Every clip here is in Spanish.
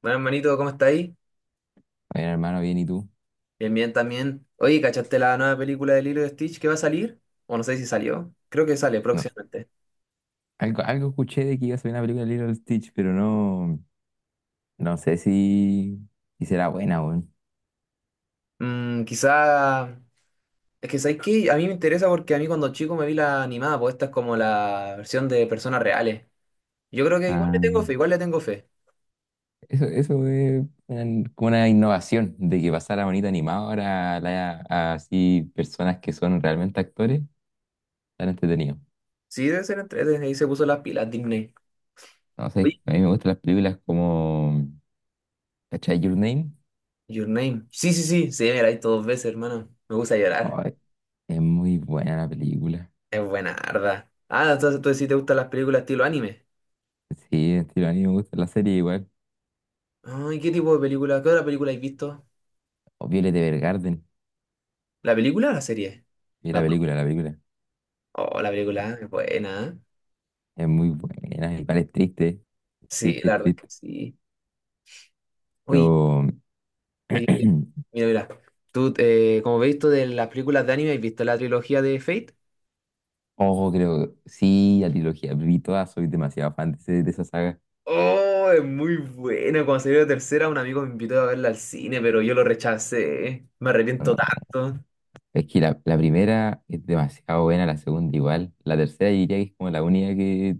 Bueno, hermanito, ¿cómo está ahí? Bueno, hermano, bien, ¿y tú? Bien, bien también. Oye, ¿cachaste la nueva película de Lilo y Stitch que va a salir? O no sé si salió. Creo que sale No, próximamente. algo escuché de que iba a salir una película de Lilo Stitch, pero no, no sé si será buena, weón. Mm, quizá. Es que sabéis que a mí me interesa porque a mí cuando chico me vi la animada, pues esta es como la versión de personas reales. Yo creo que igual le tengo Ah, fe, igual le tengo fe. Eso es como una innovación de que pasara bonita animada ahora a así personas que son realmente actores, tan entretenido. Sí, debe ser desde ahí se puso las pilas, Disney. No sé, Oye, a mí me gustan las películas como ¿Cachai Your Name? Your Name. Sí, sí, sí, sí, me la vi dos veces, hermano. Me gusta llorar. Ay, es muy buena la película. Es buena, arda. Ah, entonces tú sí te gustan las películas estilo anime. Sí, estilo, a mí me gusta la serie igual. Ay, ¿qué tipo de película? ¿Qué otra película has visto? O Violet Evergarden. ¿La película o la serie? Y La, la película, la película. oh, la película es buena, ¿eh? Es muy buena, igual es triste, Sí, triste, la verdad es que triste. sí. Uy, Pero, oye, mira, mira. Tú, como veis, tú de las películas de anime, ¿has visto la trilogía de Fate? ojo, creo, sí, la trilogía, vi todas, soy demasiado fan de esa saga. Oh, es muy buena. Cuando salió la tercera, un amigo me invitó a verla al cine, pero yo lo rechacé. Me No, arrepiento tanto. es que la primera es demasiado buena, la segunda igual. La tercera yo diría que es como la única que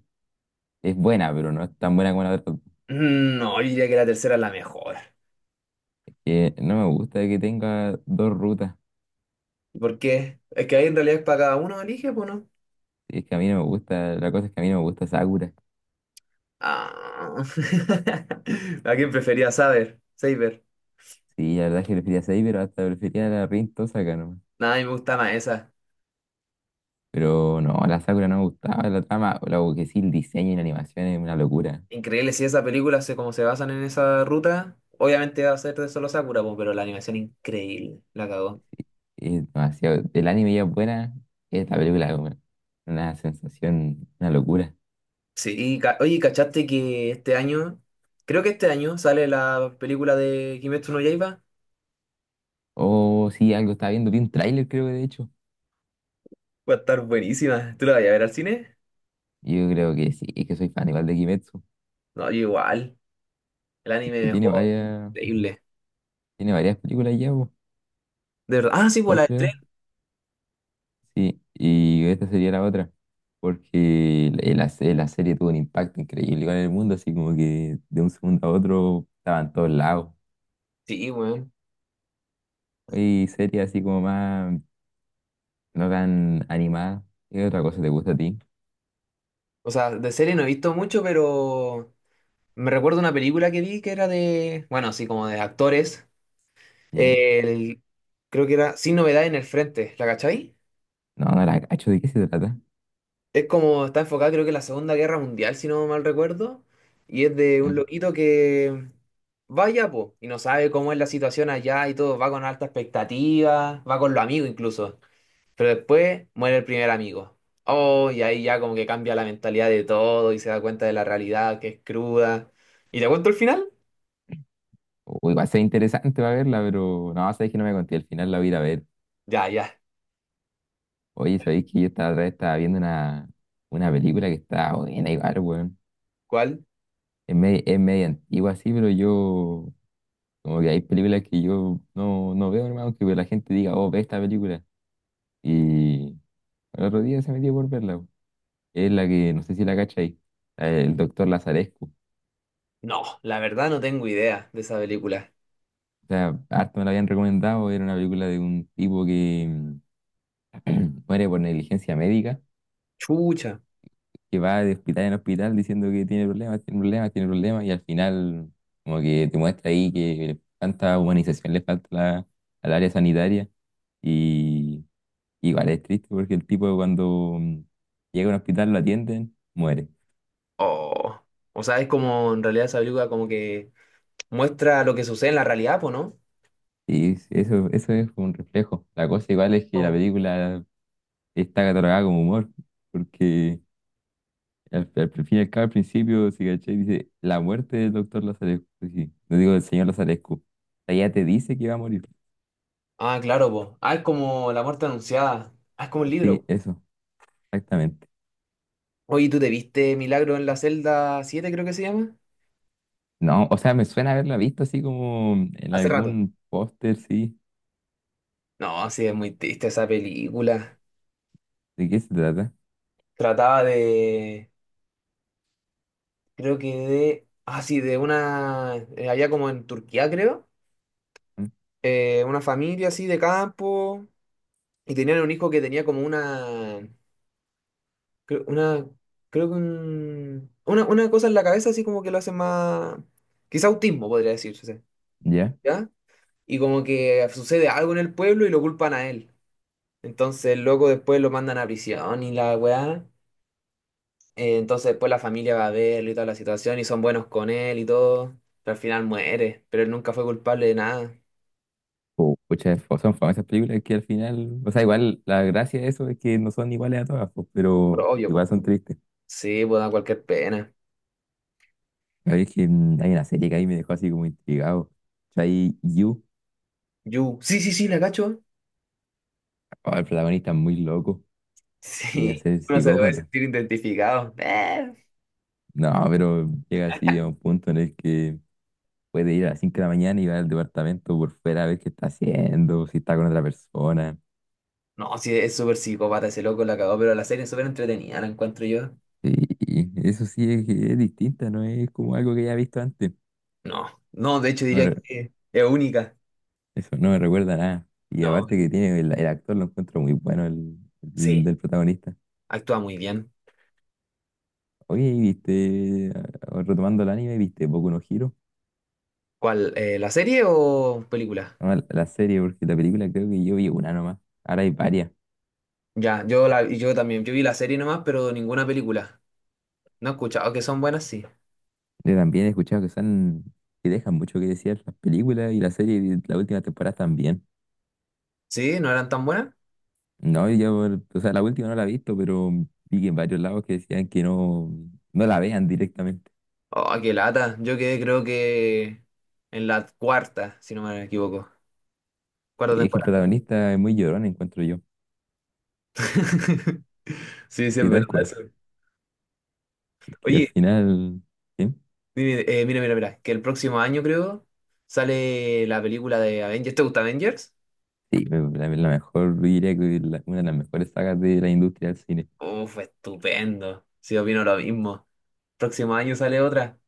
es buena, pero no es tan buena como la otra. Mm, no, yo diría que la tercera es la mejor. Que no me gusta que tenga dos rutas. ¿Por qué? Es que ahí en realidad es para cada uno, elige, pues no. Es que a mí no me gusta, la cosa es que a mí no me gusta Sakura. Ah. ¿A quién prefería saber? Saber. Sí, la verdad es que prefería Saber, pero hasta prefería la Rin Tosaka. Nada, a mí me gusta más esa. Pero no, la Sakura no me gustaba, la trama. Lo que sí, el diseño y la animación es una locura. Increíble, si esa película como se basan en esa ruta, obviamente va a ser de solo Sakura, po, pero la animación increíble, la cagó. Es demasiado. El anime ya es buena, es la película es una sensación, una locura. Sí, y oye, ¿cachaste que este año, creo que este año sale la película de Kimetsu no Yaiba? O sí, algo estaba viendo, vi un tráiler creo que de hecho. Va a estar buenísima. ¿Tú la vas a ver al cine? Yo creo que sí, es que soy fan igual de Kimetsu. No, yo igual. El Es anime que tiene mejor. varias, Increíble. tiene varias películas ya, po, De verdad. Ah, sí, pues la dos de tren. creo. Sí, y esta sería la otra. Porque la serie tuvo un impacto increíble igual en el mundo, así como que de un segundo a otro estaban todos lados. Sí, weón. Y series así como más no tan animada. ¿Qué otra cosa te gusta a ti? O sea, de serie no he visto mucho, pero me recuerdo una película que vi que era de, bueno, así como de actores. ¿Ya? El, creo que era Sin Novedad en el Frente, ¿la cachai? No, no la cacho, ¿de qué se trata? Es como está enfocada, creo que en la Segunda Guerra Mundial, si no mal recuerdo. Y es de ¿Ya? un loquito que vaya, po, y no sabe cómo es la situación allá y todo. Va con alta expectativa, va con los amigos incluso. Pero después muere el primer amigo. Oh, y ahí ya como que cambia la mentalidad de todo y se da cuenta de la realidad que es cruda. ¿Y te cuento el final? O igual sea interesante para verla, pero no, sabes que no me conté, al final la voy a ir a ver. Ya, ya. Oye, sabéis que yo estaba, otra vez estaba viendo una película que está buena igual, weón. ¿Cuál? Es media antigua así, pero yo, como que hay películas que yo no veo, hermano, que la gente diga, oh, ve esta película. Y el otro día se metió por verla, weón. Es la que, no sé si la cachai, la del doctor Lazarescu. No, la verdad no tengo idea de esa película. O sea, harto me la habían recomendado, era una película de un tipo que muere por negligencia médica, Chucha. que va de hospital en hospital diciendo que tiene problemas, tiene problemas, tiene problemas, y al final como que te muestra ahí que tanta humanización le falta a al área sanitaria. Y igual es triste porque el tipo, cuando llega a un hospital, lo atienden, muere. Oh, o sea, es como en realidad esa película como que muestra lo que sucede en la realidad, po, ¿no? Y eso es un reflejo. La cosa igual es que la Oh. película está catalogada como humor, porque... Al fin y al cabo, al principio, si cachai, dice la muerte del doctor Lazarescu. Sí, sí, no digo del señor Lazarescu. O sea, ya te dice que va a morir. Ah, claro, po. Ah, es como La muerte anunciada. Ah, es como el libro, Sí, po. eso, exactamente. Oye, ¿tú te viste Milagro en la celda siete, creo que se llama? No, o sea, me suena haberla visto así como en Hace rato. algún póster, sí. No, sí, es muy triste esa película. ¿De qué se trata? Trataba de, creo que de, ah, sí, de una, allá como en Turquía, creo, ¿Mm? Una familia así de campo, y tenían un hijo que tenía como una, creo, una, creo que una cosa en la cabeza así como que lo hace más. Quizá autismo podría decirse, ¿Ya? ¿ya? Y como que sucede algo en el pueblo y lo culpan a él. Entonces el loco después lo mandan a prisión y la weá. Entonces después la familia va a verlo y toda la situación y son buenos con él y todo. Pero al final muere, pero él nunca fue culpable de nada. O pucha, son famosas películas que al final, o sea, igual la gracia de eso es que no son iguales a todas, pues, pero Pero obvio, po. igual son tristes. Sí, pues da cualquier pena. La verdad es que hay una serie que ahí me dejó así como intrigado. O sea, ahí You, You sí, sí, sí, la cacho. oh, el protagonista es muy loco. Llega a Sí. ser Uno se debe psicópata. sentir identificado. No, pero llega así a un punto en el que puede ir a las 5 de la mañana y va al departamento por fuera a ver qué está haciendo, si está con otra persona. No, sí, es súper psicópata ese loco, la cagó, pero la serie es súper entretenida, la encuentro yo. Y eso sí es distinta, no es como algo que ya he visto antes. No, no, de hecho No diría me re- que es única. Eso no me recuerda a nada. Y No, aparte que tiene el actor, lo encuentro muy bueno, el sí, del protagonista. actúa muy bien. Oye, ¿viste? Ah, retomando el anime, ¿viste Boku no Hero? ¿Cuál? ¿La serie o película? No, la serie, porque la película creo que yo vi una nomás. Ahora hay varias. Ya, yo también, yo vi la serie nomás, pero ninguna película. No he escuchado que son buenas, sí. Yo también he escuchado que son, que dejan mucho que decir las películas y la serie, y la última temporada también. ¿Sí? ¿No eran tan buenas? No, y yo, o sea, la última no la he visto, pero vi que en varios lados que decían que no la vean directamente. Oh, qué lata. Yo quedé creo que en la cuarta, si no me equivoco. Cuarta Y es que el temporada. protagonista es muy llorón, encuentro yo. Sí, sí, es Sí, tal verdad cual. eso. Porque al Oye, final, sí, mire, mira, mira, mira, que el próximo año creo sale la película de Avengers. ¿Te gusta Avengers? sí, la mejor, yo diría que una de las mejores sagas de la industria del cine. Uf, estupendo. Sí, opino lo mismo. Próximo año sale otra.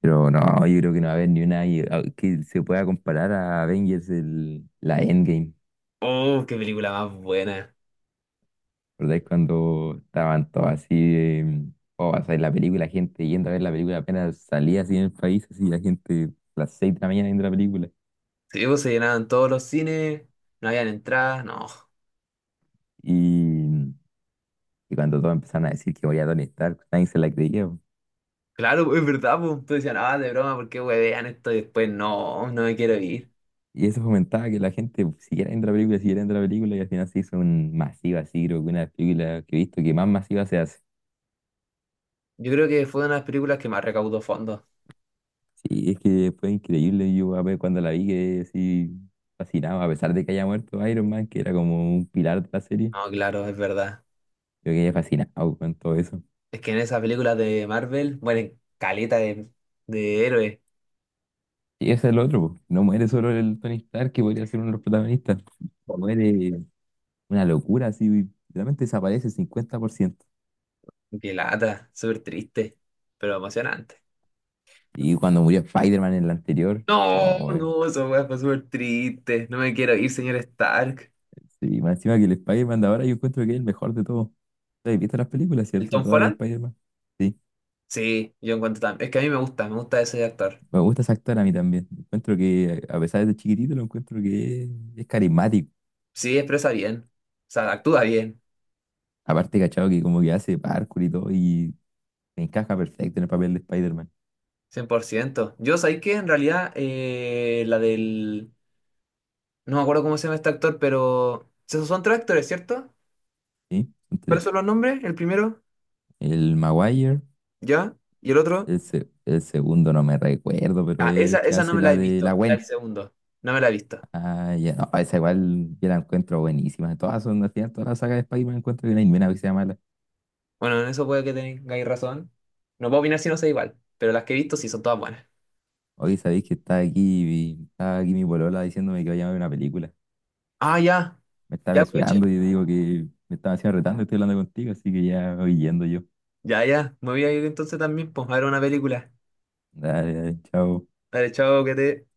Pero no, yo creo que no va a haber ni una que se pueda comparar a Avengers, la Endgame. Uf, qué película más buena. ¿Recordáis cuando estaban todos así, o sea, en la película, la gente yendo a ver la película apenas salía así en el país, así la gente a las 6 de la mañana viendo la película? Sí, pues se llenaban todos los cines, no habían entradas, no. Y, mm, y cuando todos empezaron a decir que moría Tony Stark, nadie se la creía, po. Claro, pues, es verdad, pues. Tú decías, ah, de broma, ¿por qué huevean esto? Y después, no, no me quiero ir. Y eso fomentaba que la gente siguiera viendo la película, siguiera viendo la película, y al final se hizo un masivo así, creo que una de las películas que he visto que más masiva se hace. Yo creo que fue una de las películas que más recaudó fondos. Sí, es que fue increíble, yo a ver cuando la vi que así fascinado, a pesar de que haya muerto Iron Man, que era como un pilar de la serie. No, claro, es verdad. Yo quedé fascinado con todo eso. Es que en esas películas de Marvel mueren caleta de, héroes. Y ese es el otro, po. No muere solo el Tony Stark, que podría ser uno de los protagonistas. No muere, una locura, así, realmente desaparece el 50%. Qué lata, súper triste, pero emocionante. Y cuando murió Spider-Man en el anterior, No, oh, no, esa weá fue súper triste. No me quiero ir, señor Stark. sí, más encima que el Spider-Man de ahora, yo encuentro que es el mejor de todos. ¿Has visto las películas, ¿El cierto? Tom Todas de Holland? Spider-Man. Sí, Sí, yo encuentro también. Es que a mí me gusta ese actor. me gusta ese actor a mí también. Encuentro que, a pesar de ser chiquitito, lo encuentro que es carismático. Sí, expresa bien. O sea, actúa bien, Aparte, cachado, que como que hace parkour y todo, y encaja perfecto en el papel de Spider-Man. 100%. Yo sabía que en realidad, la del. No me acuerdo cómo se llama este actor, pero. Esos son tres actores, ¿cierto? ¿Sí? ¿Cuáles son los nombres? El primero, El Maguire, ya, y el otro. el segundo no me recuerdo, pero Ah, es esa, el que esa no hace me la la he de la visto, la del Gwen. segundo. No me la he visto. Ah, ya, no, esa igual yo la encuentro buenísima. Todas son, al final, toda la saga de Spider-Man encuentro que no hay ni una que sea mala. Bueno, en eso puede que tengáis razón. No puedo opinar si no sé igual, pero las que he visto sí son todas buenas. Hoy sabéis que está aquí mi polola diciéndome que vaya a ver una película. Ah, ya, Me está ya aproveche. resurando y yo digo que me estaba haciendo retando, estoy hablando contigo, así que ya voy yendo yo. Ya, ya, me voy a ir entonces también, pues, a ver una película. Dale, dale, chao. Dale, chao, que te...